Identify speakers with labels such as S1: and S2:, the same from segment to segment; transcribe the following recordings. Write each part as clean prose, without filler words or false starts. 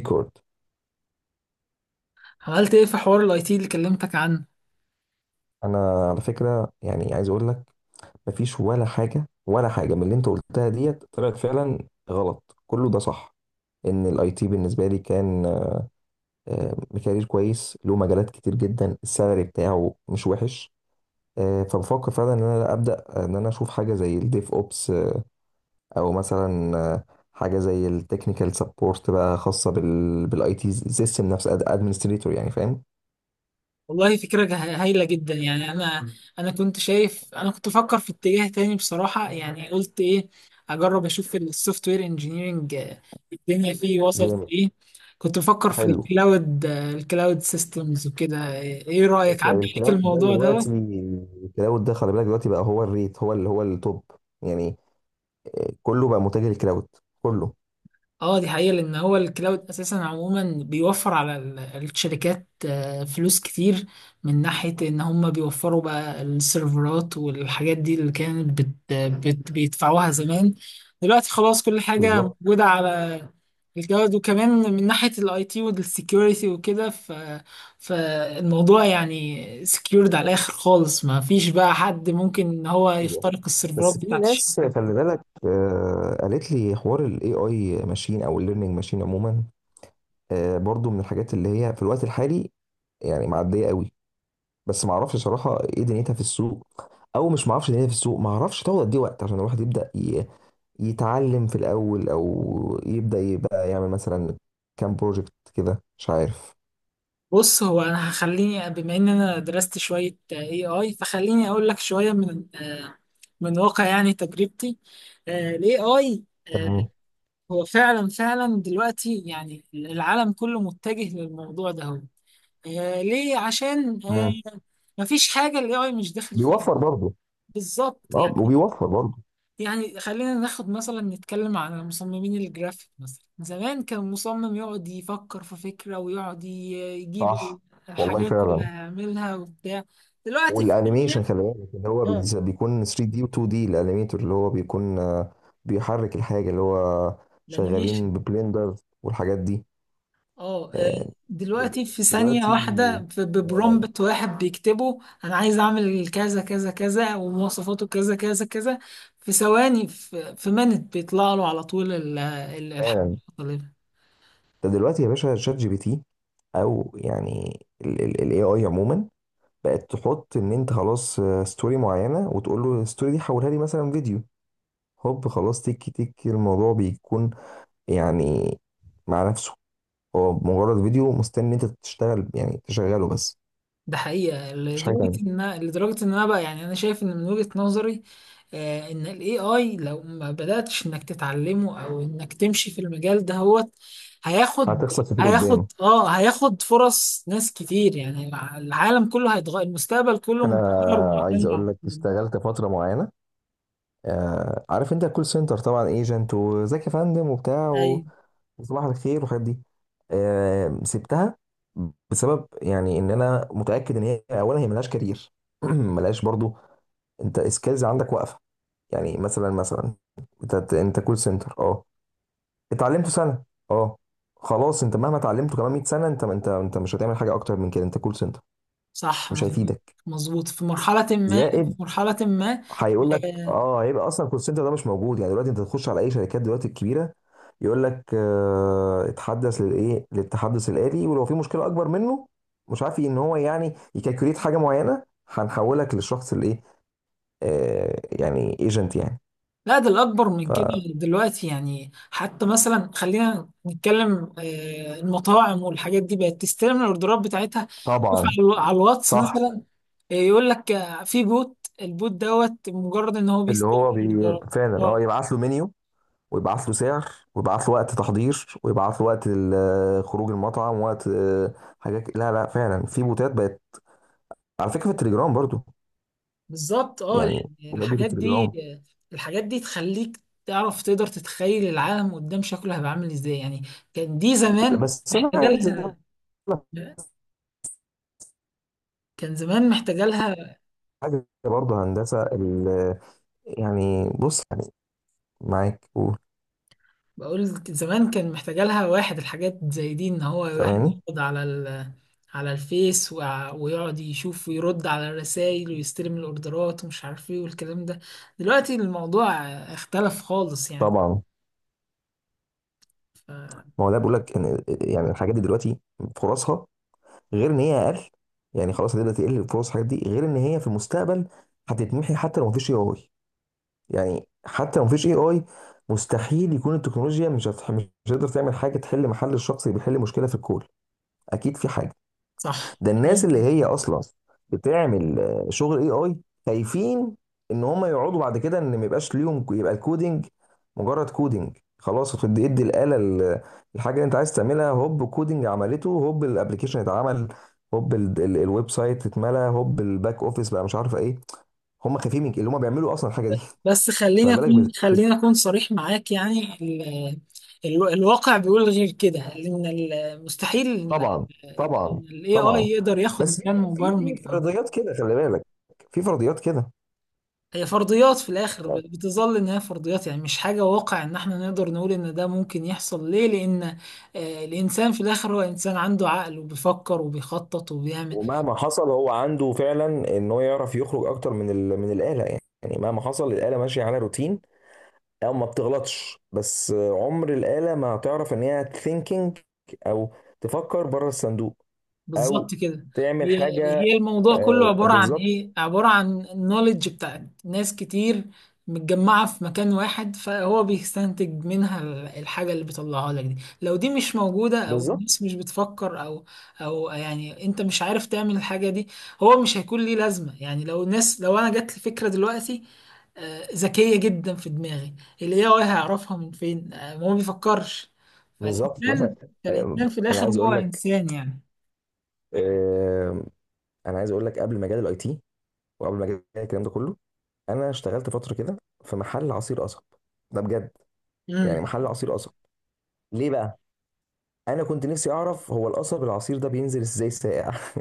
S1: ريكورد.
S2: عملت ايه في حوار الاي تي اللي كلمتك عنه؟
S1: انا على فكره، يعني عايز اقول لك، مفيش ولا حاجه ولا حاجه من اللي انت قلتها ديت طلعت فعلا غلط، كله ده صح. ان الاي تي بالنسبه لي كان آه، كارير كويس، له مجالات كتير جدا، السالري بتاعه مش وحش. فبفكر فعلا ان انا ابدا، ان انا اشوف حاجه زي الديف اوبس، او مثلا حاجه زي التكنيكال سبورت بقى، خاصه بالاي تي سيستم نفسه، ادمنستريتور، يعني فاهم.
S2: والله فكرة هايلة جدا. يعني انا كنت شايف، انا كنت بفكر في اتجاه تاني بصراحة. يعني قلت ايه، اجرب اشوف السوفت وير انجينيرنج، الدنيا فيه وصلت
S1: جامد.
S2: ايه. كنت بفكر في
S1: حلو.
S2: الكلاود، الكلاود سيستمز وكده. ايه رأيك، عدى عليك
S1: الكلاود ده
S2: الموضوع ده؟
S1: دلوقتي، الكلاود ده خلي بالك، دلوقتي بقى هو الريت، هو اللي هو التوب، يعني كله بقى متجه للكلاود، كله.
S2: اه، دي حقيقة، لأن هو الكلاود أساسا عموما بيوفر على الشركات فلوس كتير، من ناحية إن هم بيوفروا بقى السيرفرات والحاجات دي اللي كانت بت بيدفعوها زمان. دلوقتي خلاص كل حاجة
S1: بالظبط
S2: موجودة على الكلاود. وكمان من ناحية الاي تي والسكيورتي وكده. فالموضوع يعني سكيورد على الآخر خالص، ما فيش بقى حد ممكن إن هو
S1: كده.
S2: يخترق السيرفرات
S1: بس في
S2: بتاعت
S1: ناس
S2: الشركة.
S1: خلي بالك، قالت لي حوار الاي اي ماشين او الليرنينج ماشين عموما، برضو من الحاجات اللي هي في الوقت الحالي، يعني معديه قوي. بس ما اعرفش صراحه ايه دنيتها في السوق، او مش ما اعرفش دنيتها في السوق، ما اعرفش تاخد قد ايه وقت عشان الواحد يبدا يتعلم في الأول، أو يبدأ يبقى يعمل مثلا كام بروجكت كده، مش عارف.
S2: بص، هو انا هخليني، بما ان انا درست شويه اي اي، فخليني اقول لك شويه من من واقع يعني تجربتي. الاي اي
S1: تمام.
S2: هو فعلا فعلا دلوقتي يعني العالم كله متجه للموضوع ده. هو ليه؟ عشان
S1: مم.
S2: مفيش حاجه الاي اي مش داخل فيها.
S1: بيوفر برضه.
S2: بالظبط
S1: اه،
S2: يعني.
S1: وبيوفر برضه.
S2: يعني خلينا ناخد مثلا، نتكلم على مصممين الجرافيك مثلا. زمان كان مصمم يقعد يفكر في فكرة ويقعد يجيب
S1: صح. والله
S2: الحاجات اللي
S1: فعلا.
S2: هيعملها وبتاع. دلوقتي في
S1: والانيميشن
S2: ثانية.
S1: خلي بالك، اللي هو
S2: اه،
S1: بيكون 3 دي و 2 دي، الانيميتور اللي هو بيكون بيحرك الحاجة، اللي هو
S2: الانيميشن.
S1: شغالين ببلندر، والحاجات دي.
S2: اه
S1: آه، دل-
S2: دلوقتي في ثانية
S1: دلوقتي،
S2: واحدة
S1: فعلا
S2: ببرومبت واحد بيكتبه، أنا عايز أعمل كذا كذا كذا ومواصفاته كذا كذا كذا. في ثواني، في منت بيطلع له على طول الحاجة
S1: فعلا.
S2: اللي طالبها.
S1: ده دلوقتي يا باشا، شات جي بي تي، او يعني الاي اي عموما، بقت تحط ان انت خلاص، ستوري معينه، وتقول له الستوري دي حولها لي مثلا فيديو، هوب خلاص تك تك الموضوع بيكون، يعني، مع نفسه، هو مجرد فيديو مستني انت تشتغل، يعني تشغله بس.
S2: ده حقيقة،
S1: مفيش حاجه
S2: لدرجة
S1: تانيه.
S2: ان انا بقى يعني انا شايف ان من وجهة نظري، ان الاي اي لو ما بدأتش انك تتعلمه او انك تمشي في المجال ده، هو هياخد
S1: هتخسر كتير قدام.
S2: هياخد فرص ناس كتير يعني. العالم كله هيتغير، المستقبل كله
S1: انا
S2: متغير
S1: عايز
S2: ومعتمد على
S1: اقول لك، اشتغلت فتره معينه، آه، عارف انت الكول سنتر طبعا، ايجنت وزكي فندم وبتاع،
S2: اي.
S1: صباح الخير والحاجات دي. سبتها بسبب، يعني، ان انا متاكد ان هي اولا هي ملهاش كارير ملهاش برضو انت سكيلز عندك واقفه، يعني، مثلا مثلا، انت كول سنتر، اه، اتعلمته سنه، اه، خلاص انت مهما اتعلمته كمان 100 سنه، انت مش هتعمل حاجه اكتر من كده، انت كول سنتر،
S2: صح،
S1: مش
S2: مظبوط.
S1: هيفيدك.
S2: مظبوط في مرحلة ما، في
S1: زائد
S2: مرحلة ما.
S1: هيقول لك،
S2: آه،
S1: اه، هيبقى اصلا الكول سنتر ده مش موجود. يعني دلوقتي انت تخش على اي شركات دلوقتي الكبيره، يقول لك آه اتحدث للايه، للتحدث الآلي، ولو في مشكله اكبر منه، مش عارف ان هو يعني يكالكوليت حاجه معينه، هنحولك للشخص الايه، آه، يعني ايجنت يعني.
S2: لا، ده الأكبر من كده. دلوقتي يعني حتى مثلا، خلينا نتكلم، المطاعم والحاجات دي بقت تستلم الأوردرات بتاعتها. شوف
S1: فطبعا.
S2: على الواتس
S1: صح.
S2: مثلا. يقول لك في بوت، البوت دوت مجرد إن هو
S1: اللي
S2: بيستلم
S1: هو بي
S2: الأوردرات.
S1: فعلا اه،
S2: اه،
S1: يبعت له منيو، ويبعت له سعر، ويبعت له وقت تحضير، ويبعت له وقت خروج المطعم، وقت آه، حاجات. لا لا فعلا، في بوتات بقت، على فكره، في التليجرام برضو.
S2: بالظبط. اه
S1: يعني
S2: يعني
S1: ولادة
S2: الحاجات دي،
S1: العمر.
S2: الحاجات دي تخليك تعرف تقدر تتخيل العالم قدام شكله هيبقى عامل ازاي يعني. كان دي زمان
S1: بس انا
S2: محتاجة
S1: عايز اقول
S2: لها،
S1: لك
S2: كان زمان محتاجة لها.
S1: حاجه برضه، هندسه يعني، بص، يعني، معاك، قول،
S2: بقول زمان كان محتاجة لها واحد، الحاجات زي دي ان هو واحد
S1: سامعني.
S2: يقعد على على الفيس، ويقعد يشوف ويرد على الرسائل ويستلم الاوردرات ومش عارف ايه والكلام ده. دلوقتي الموضوع اختلف خالص يعني.
S1: طبعا.
S2: ف-
S1: ما هو ده بيقول لك ان يعني الحاجات دي دلوقتي فرصها، غير ان هي اقل، يعني خلاص هتبدا تقل فرص الحاجات دي، غير ان هي في المستقبل هتتمحي. حتى لو مفيش اي اي، يعني حتى لو مفيش اي اي، مستحيل يكون التكنولوجيا مش هتقدر تعمل حاجه تحل محل الشخص اللي بيحل مشكله في الكون. اكيد في حاجه.
S2: صح.
S1: ده الناس اللي هي اصلا بتعمل شغل اي اي خايفين ان هم يقعدوا بعد كده ان ما يبقاش ليهم يبقى الكودينج مجرد كودينج خلاص، هتدي الاله الحاجه اللي انت عايز تعملها، هوب كودينج عملته، هوب الابلكيشن اتعمل، هوب الويب سايت اتملى، هوب الباك اوفيس، بقى مش عارف ايه. هم خايفين من اللي هم بيعملوا اصلا الحاجه دي.
S2: بس
S1: فما بالك
S2: خليني اكون صريح معاك. يعني الواقع بيقول غير كده، ان مستحيل ان
S1: طبعا. طبعا.
S2: الاي اي
S1: طبعا.
S2: يقدر ياخد
S1: بس في،
S2: مكان
S1: في
S2: مبرمج.
S1: في فرضيات كده خلي بالك، في فرضيات كده.
S2: هي فرضيات، في الاخر بتظل ان هي فرضيات. يعني مش حاجه واقع ان احنا نقدر نقول ان ده ممكن يحصل. ليه؟ لان الانسان في الاخر هو انسان، عنده عقل وبيفكر وبيخطط وبيعمل.
S1: ومهما حصل، هو عنده فعلا ان هو يعرف يخرج اكتر من من الاله. يعني، يعني، مهما حصل الاله ماشيه على روتين، او ما بتغلطش، بس عمر الاله ما هتعرف ان هي ثينكينج، او تفكر بره الصندوق، او
S2: بالظبط كده.
S1: تعمل
S2: هي
S1: حاجه.
S2: هي الموضوع كله عبارة عن
S1: بالظبط.
S2: ايه؟ عبارة عن النوليدج بتاعت ناس كتير متجمعة في مكان واحد، فهو بيستنتج منها الحاجة اللي بيطلعها لك دي. لو دي مش موجودة او
S1: بالظبط.
S2: الناس مش بتفكر، او يعني انت مش عارف تعمل الحاجة دي، هو مش هيكون ليه لازمة. يعني لو الناس، لو انا جات لي فكرة دلوقتي ذكية جدا في دماغي، اللي هي هيعرفها من فين؟ ما هو بيفكرش.
S1: بالظبط. مثلا.
S2: فالإنسان
S1: آه،
S2: فالإنسان في
S1: انا
S2: الآخر
S1: عايز
S2: هو
S1: اقول لك،
S2: إنسان يعني.
S1: آه، انا عايز اقول لك، قبل مجال الاي تي، وقبل مجال الكلام ده كله، انا اشتغلت فتره كده في محل عصير قصب، ده بجد.
S2: مم.
S1: يعني محل عصير قصب، ليه بقى؟ انا كنت نفسي اعرف هو القصب، العصير ده بينزل ازاي ساقع.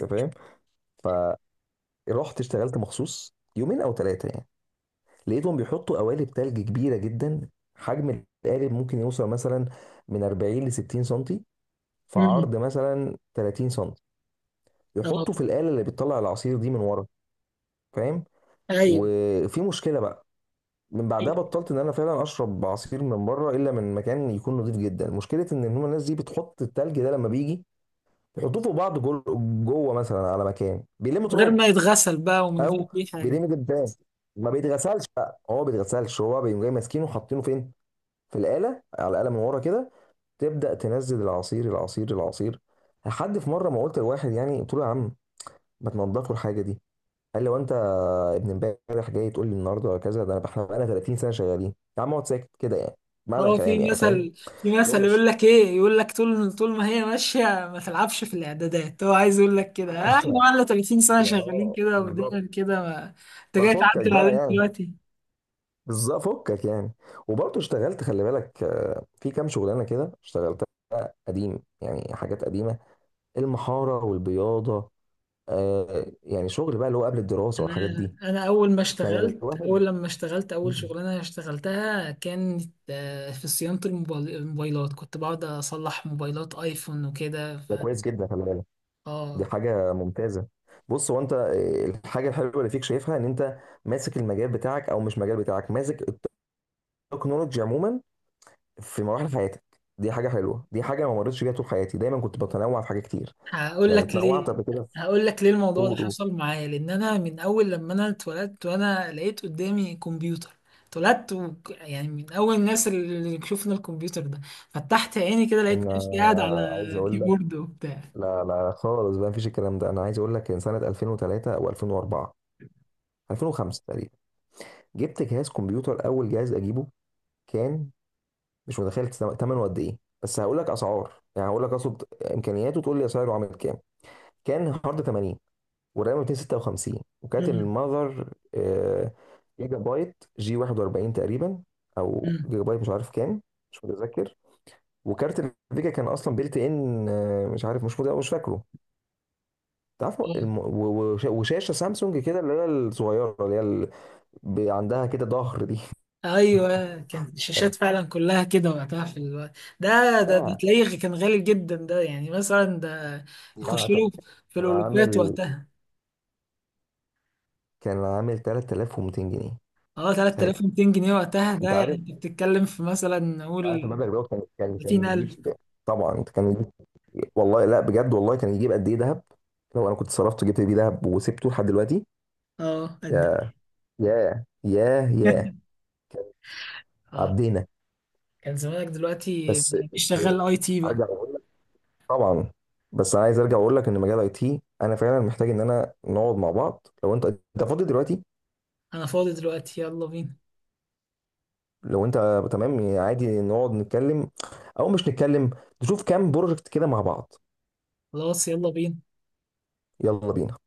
S1: انت فاهم؟ فرحت اشتغلت مخصوص يومين او ثلاثه، يعني لقيتهم بيحطوا قوالب تلج كبيره جدا. حجم القالب ممكن يوصل مثلا من 40 ل 60 سنتي، في
S2: امم.
S1: عرض مثلا 30 سنتي،
S2: اه.
S1: يحطوا في الآلة اللي بتطلع العصير دي من ورا، فاهم؟
S2: ايوه.
S1: وفي مشكله بقى. من بعدها بطلت ان انا فعلا اشرب عصير من بره، الا من مكان يكون نظيف جدا. مشكله ان هم الناس دي بتحط التلج ده لما بيجي يحطوه فوق بعض، جوه مثلا على مكان بيلموا
S2: من غير
S1: تراب،
S2: ما يتغسل بقى ومن غير
S1: او
S2: اي حاجه.
S1: بيلموا جدران، ما بيتغسلش بقى، هو ما بيتغسلش، هو بيقوم جاي ماسكينه وحاطينه فين؟ في الآلة، على الآلة من ورا كده، تبدأ تنزل العصير العصير العصير. لحد في مرة ما قلت لواحد، يعني قلت له يا عم ما تنضفوا الحاجة دي. قال لي وانت ابن امبارح جاي تقول لي النهارده ولا كذا؟ ده انا احنا بقالنا 30 سنة شغالين، يا عم اقعد ساكت كده يعني. معنى
S2: هو
S1: الكلام يعني، فاهم؟
S2: في
S1: لو
S2: مثل
S1: مش
S2: يقول لك ايه، يقول لك طول طول ما هي ماشيه ما تلعبش في الاعدادات. هو عايز يقول لك كده، احنا بقالنا 30 سنه
S1: يا
S2: شغالين
S1: اه
S2: كده
S1: بالظبط،
S2: ودايما كده ما... انت جاي
S1: ففكك
S2: تعدل
S1: بقى
S2: علينا
S1: يعني،
S2: دلوقتي.
S1: بالظبط، فكك يعني. وبرضه اشتغلت خلي بالك، في كام شغلانه كده اشتغلتها، قديم يعني، حاجات قديمه، المحاره والبياضه، يعني شغل بقى اللي هو قبل الدراسه
S2: انا
S1: والحاجات دي.
S2: انا اول ما
S1: كان
S2: اشتغلت
S1: الواحد،
S2: اول لما اشتغلت اول شغلانه اشتغلتها كانت في صيانه الموبايلات. كنت بقعد اصلح موبايلات ايفون وكده. ف
S1: ده كويس جدا خلي بالك. دي
S2: اه
S1: حاجه ممتازه. بص، هو انت الحاجه الحلوه اللي فيك شايفها، ان انت ماسك المجال بتاعك، او مش مجال بتاعك، ماسك التكنولوجيا عموما في مراحل حياتك، دي حاجه حلوه، دي حاجه ما مرتش بيها طول حياتي، دايما كنت بتنوع في حاجات كتير.
S2: هقول
S1: يعني
S2: لك
S1: اتنوعت
S2: ليه
S1: قبل كده في،
S2: هقول لك ليه الموضوع ده
S1: قول قول.
S2: حصل معايا. لان انا من اول لما انا اتولدت وانا لقيت قدامي كمبيوتر. يعني من اول الناس اللي شفنا الكمبيوتر ده. فتحت عيني كده لقيت
S1: انا
S2: نفسي قاعد على
S1: عايز اقول لك،
S2: كيبورد وبتاع.
S1: لا لا خالص بقى، مفيش الكلام ده. انا عايز اقول لك ان سنه 2003 او 2004 2005 تقريبا، جبت جهاز كمبيوتر، اول جهاز اجيبه، كان مش متخيل ثمنه قد ايه. بس هقول لك اسعار، يعني هقول لك اقصد امكانياته، تقول لي اسعاره عامل كام. كان هارد 80، والرام 256، وكانت
S2: امم.
S1: المذر جيجا بايت جي 41 تقريبا، او
S2: امم.
S1: جيجا بايت مش عارف كام، مش متذكر. وكارت الفيجا كان اصلا بيلت ان، مش عارف، مش فاكره. وشاشه سامسونج كده، اللي هي الصغيره، اللي هي عندها كده ظهر دي.
S2: ايوه. كانت الشاشات فعلا كلها كده وقتها في الوقت ده. ده
S1: لا
S2: تلاقيه كان غالي جدا. ده يعني مثلا ده
S1: يعني،
S2: يخش له في الالوفات
S1: عامل
S2: وقتها.
S1: كان عامل 3200 جنيه
S2: اه،
S1: ساعتها.
S2: 3200 جنيه وقتها، ده
S1: انت
S2: يعني
S1: عارف،
S2: انت بتتكلم في مثلا
S1: عارف
S2: نقول
S1: المبلغ ده كان يجيب؟
S2: 30,000.
S1: طبعا كان يجيب. والله لا بجد، والله كان يجيب قد ايه ذهب. لو انا كنت صرفت جبت بيه ذهب وسبته لحد دلوقتي،
S2: اه، قد
S1: يا
S2: ايه!
S1: يا يا يا. كان
S2: اه
S1: عدينا.
S2: كان زمانك دلوقتي
S1: بس
S2: مش
S1: بس،
S2: شغال اي تي بقى.
S1: ارجع اقول. طبعا. بس انا عايز ارجع واقول لك، ان مجال اي تي انا فعلا محتاج ان انا نقعد مع بعض، لو انت فاضي دلوقتي.
S2: انا فاضي دلوقتي، يلا بينا.
S1: لو انت تمام، يعني عادي نقعد نتكلم، او مش نتكلم، نشوف كام بروجكت كده مع بعض.
S2: خلاص، يلا بينا.
S1: يلا بينا.